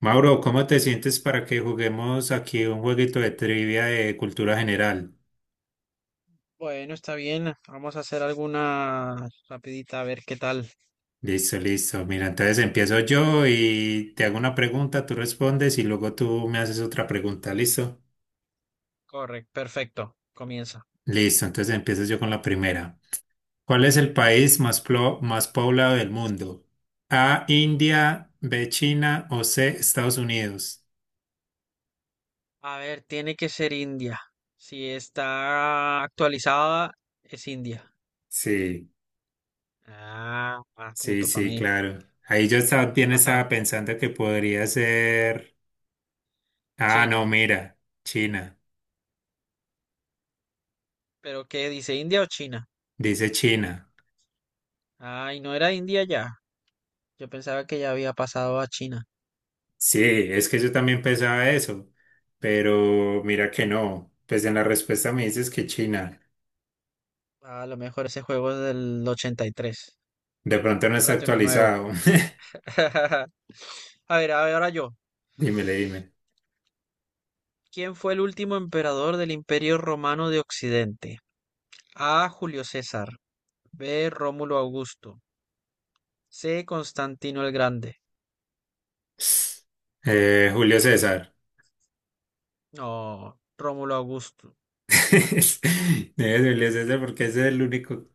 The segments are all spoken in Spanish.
Mauro, ¿cómo te sientes para que juguemos aquí un jueguito de trivia de cultura general? Bueno, está bien. Vamos a hacer alguna rapidita a ver qué tal. Listo, listo. Mira, entonces empiezo yo y te hago una pregunta, tú respondes y luego tú me haces otra pregunta, ¿listo? Correcto, perfecto. Comienza. Listo, entonces empiezo yo con la primera. ¿Cuál es el país más, más poblado del mundo? A, India, B, China o C, Estados Unidos. A ver, tiene que ser India. Si está actualizada, es India. Sí, Ah, más sí, punto para sí, mí. claro. Ahí yo también estaba Jaja. pensando que podría ser. Ah, no, China. mira, China. ¿Pero qué dice, India o China? Dice China. Ay, no era India ya. Yo pensaba que ya había pasado a China. Sí, es que yo también pensaba eso, pero mira que no. Pues en la respuesta me dices que China. A lo mejor ese juego es del 83. De pronto no está Cómprate uno nuevo. actualizado. A ver, ahora yo. Dímele, dime. ¿Quién fue el último emperador del Imperio Romano de Occidente? A, Julio César. B, Rómulo Augusto. C, Constantino el Grande. Julio César. No, Rómulo Augusto. Debe ser Julio César porque ese es el único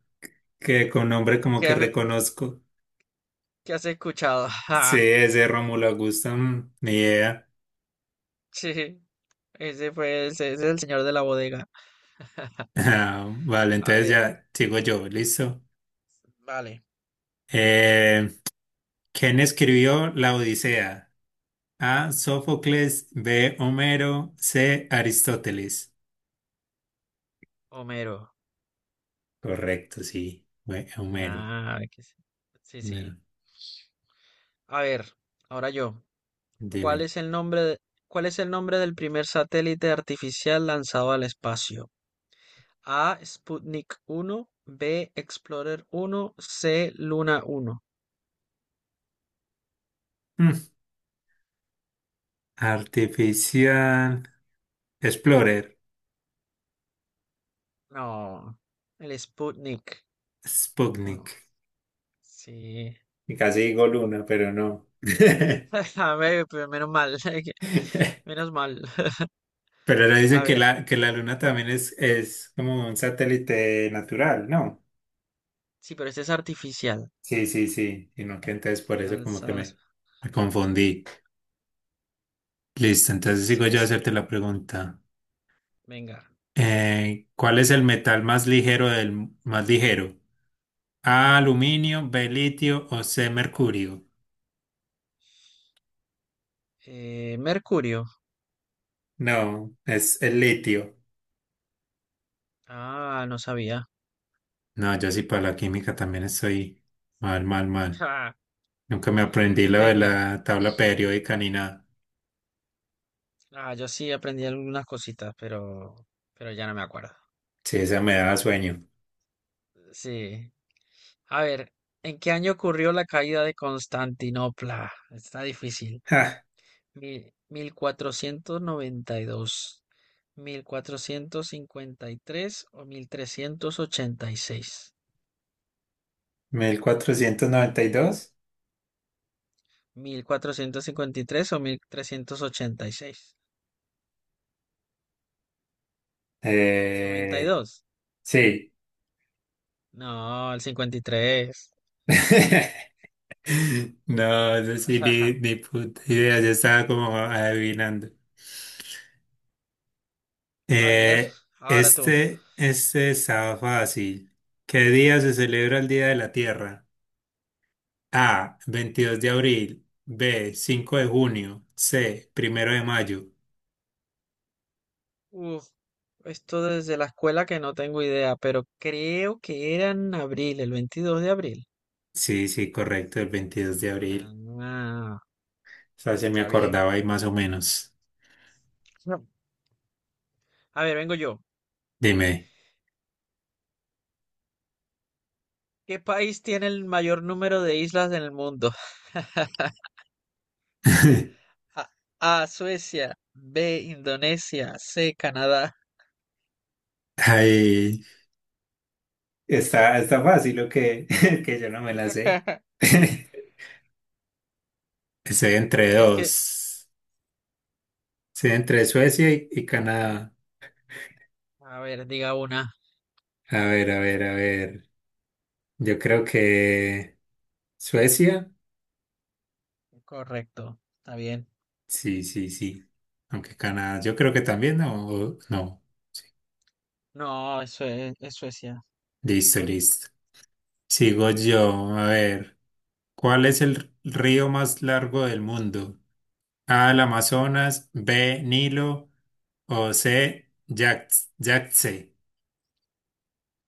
que con nombre como ¿Qué, que reconozco. qué has escuchado? Sí, Ja, ese Rómulo Augusto, mm, ni idea. sí, ese es el señor de la bodega. Ah, vale, A entonces ver, ya sigo yo, listo. vale. Eh, ¿Quién escribió La Odisea? A, Sófocles. B, Homero. C, Aristóteles. Homero. Correcto, sí. Fue Homero. Ah, que sí, sí, Homero. sí. A ver, ahora yo. ¿Cuál Dime. es el nombre cuál es el nombre del primer satélite artificial lanzado al espacio? A, Sputnik uno, B, Explorer uno, C, Luna uno. Mm. Artificial. Explorer. No, el Sputnik uno. Sputnik. Sí. Y casi digo luna, pero no. A ver, pero menos mal. Menos mal. Pero le dicen A que ver. la luna también es como un satélite natural, ¿no? Sí, pero este es artificial. Sí, sí, sí. Y no que entonces por eso como que Lanza las. Me confundí. Listo, entonces sigo Sí, yo a es. hacerte la pregunta. Venga. ¿Cuál es el metal más ligero? A, aluminio, B, litio o C, mercurio. Mercurio. No, es el litio. Ah, no sabía. No, yo sí para la química también estoy mal, mal, mal. Ja, Nunca me aprendí lo de venga. la tabla periódica ni nada. Ah, yo sí aprendí algunas cositas, pero. Pero ya no me acuerdo. Sí, esa me daba sueño. Sí. A ver, ¿en qué año ocurrió la caída de Constantinopla? Está difícil. Ja, 1492, 1453 o mil trescientos ochenta y seis. mil cuatrocientos noventa y dos. 1453 o 1386. Noventa y Eh, dos. sí. No, el 53. No, eso sí, ni, Ajá. ni puta idea, yo estaba como adivinando. A ver, Eh, ahora tú. Este estaba fácil. ¿Qué día se celebra el Día de la Tierra? A, 22 de abril, B, 5 de junio, C, primero de mayo. Uf, esto desde la escuela que no tengo idea, pero creo que era en abril, el 22 de abril. Sí, sí, correcto, el 22 de abril. Ah, O sea, se me está bien. acordaba ahí más o menos. No. A ver, vengo yo. Dime. ¿Qué país tiene el mayor número de islas en el mundo? A, Suecia, B, Indonesia, C, Canadá. Ay, ¿está, está fácil o qué? Que yo no me la sé. Estoy entre Es que, dos. Estoy entre Suecia y Canadá. a ver, diga una. A ver, a ver, a ver. Yo creo que Suecia, Correcto, está bien. sí, sí, sí. Aunque Canadá, yo creo que también, no, no. Sí. No, eso es Suecia. Listo, listo. Sigo yo. A ver, ¿cuál es el río más largo del mundo? A, el Amazonas, B, Nilo o C, Yangtze.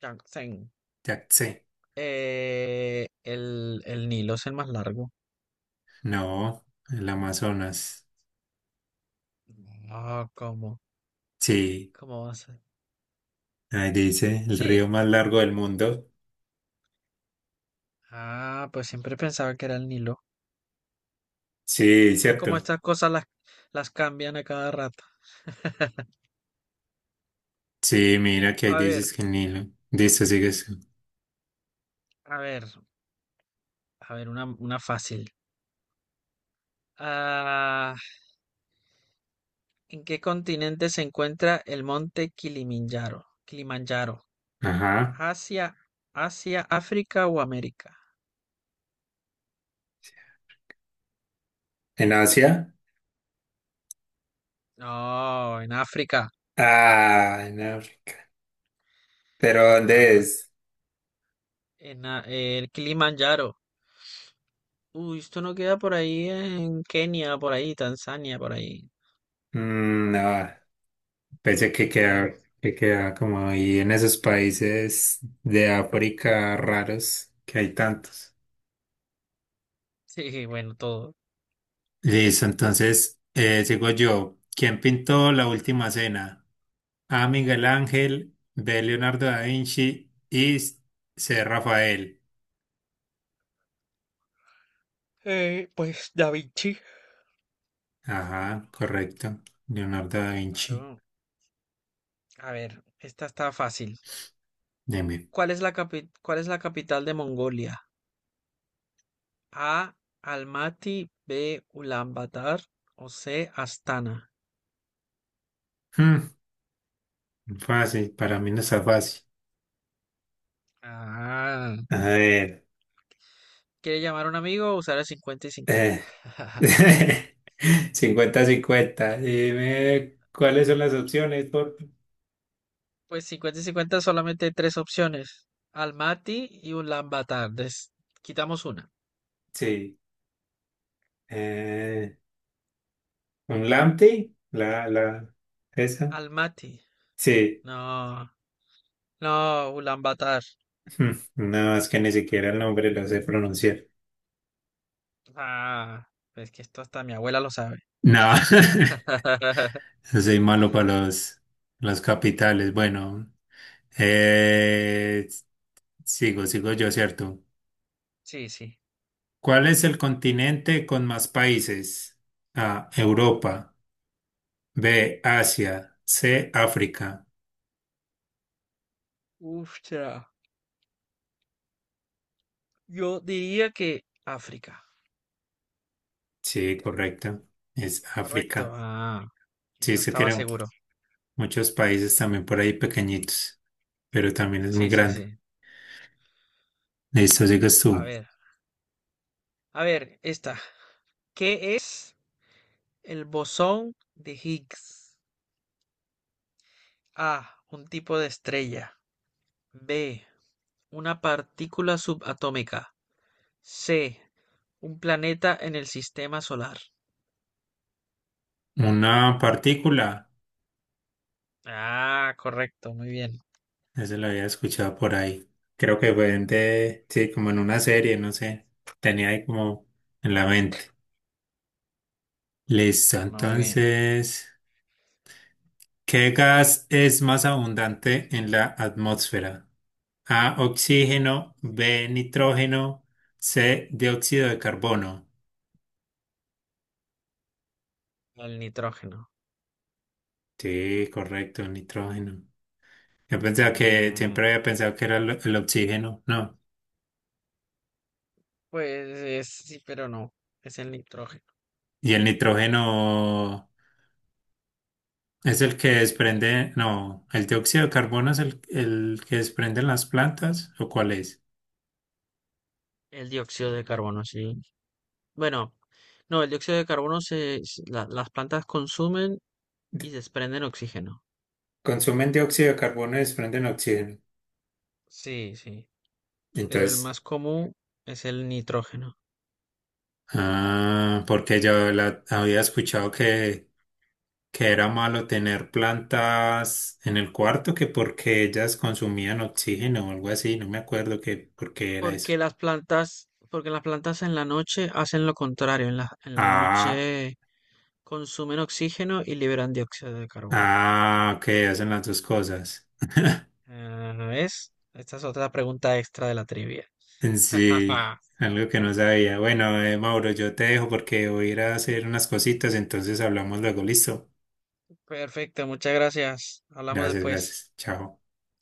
Yangtze. Yangtze. El Nilo es el más largo. No, el Amazonas. No, ¿cómo? Sí, ¿Cómo va a ser? ahí dice, el río Sí. más largo del mundo. Ah, pues siempre pensaba que era el Nilo. Sí, Es que como cierto. estas cosas las cambian a cada rato. Sí, mira que hay A ver, dices que el Nilo. Listo, sigues tú. a ver, a ver, una fácil. Ah, ¿en qué continente se encuentra el monte Kilimanjaro? Kilimanjaro. Ajá. ¿Asia, Asia, África o América? ¿En Asia? No, en África. Ah, en África. ¿Pero dónde Ah, es? en el Kilimanjaro. Uy, esto no queda por ahí en Kenia, por ahí, Tanzania, por ahí, Mm, no, pensé creo. Que queda como ahí en esos países de África raros que hay tantos. Sí, bueno, todo. Listo, entonces sigo yo. ¿Quién pintó la última cena? A, Miguel Ángel, B, Leonardo da Vinci y C, Rafael. Pues Da Vinci. Ajá, correcto. Leonardo da Vinci. Claro. A ver, esta está fácil. Deme. ¿Cuál es cuál es la capital de Mongolia? A, Almaty, B, Ulaanbaatar o C, Astana. Hmm, fácil, para mí no está fácil. Ah, A ver, ¿quiere llamar a un amigo o usar el 50 y 50? eh, cincuenta 50. Dime cuáles son las opciones, por Pues 50 y 50 solamente hay tres opciones. Almaty y Ulaanbaatar. Quitamos una. Sí. eh, ¿un Lamty? Esa. Almaty. Sí. No, no, Ulaanbaatar. Hmm, No, es que ni siquiera el nombre lo sé pronunciar. Ah, es que esto hasta mi abuela lo sabe. No, soy malo para los capitales. Bueno, eh, sigo, sigo yo, ¿cierto? Sí, sí. ¿Cuál es el continente con más países? A, Europa. B, Asia. C, África. Uf, ya. Yo diría que África. Sí, correcto. Es Correcto. África. Ah, Sí, y no es que estaba tiene seguro. muchos países también por ahí pequeñitos, pero también es muy Sí, sí, sí. grande. Listo, sigues A tú. ver, a ver, esta. ¿Qué es el bosón de Higgs? A, un tipo de estrella. B, una partícula subatómica. C, un planeta en el sistema solar. Una partícula. Ah, correcto, muy bien. Eso lo había escuchado por ahí. Creo que fue en de, sí, como en una serie, no sé. Tenía ahí como en la mente. Listo, Muy bien. entonces. ¿Qué gas es más abundante en la atmósfera? A, oxígeno, B, nitrógeno, C, dióxido de carbono. El nitrógeno. Sí, correcto, nitrógeno. Yo pensaba que Mm, siempre había pensado que era el oxígeno, no. pues sí, pero no. Es el nitrógeno. Y el nitrógeno es el que desprende, no, el dióxido de carbono es el que desprenden las plantas, ¿o cuál es? El dióxido de carbono, sí. Bueno, no, el dióxido de carbono las plantas consumen y desprenden oxígeno. Consumen dióxido de carbono y desprenden oxígeno. Sí, sí, pero el Entonces, más común es el nitrógeno. ah, porque yo la había escuchado que era malo tener plantas en el cuarto, que porque ellas consumían oxígeno o algo así, no me acuerdo que por qué era eso. Porque las plantas en la noche hacen lo contrario, en la Ah, noche consumen oxígeno y liberan dióxido de carbono. ah, que hacen las dos cosas. Ah, ¿ves? Esta es otra pregunta extra de la trivia. En sí, algo que no sabía. Bueno, Mauro, yo te dejo porque voy a ir a hacer unas cositas, entonces hablamos luego, listo. Perfecto, muchas gracias. Hablamos Gracias, después. gracias. Chao.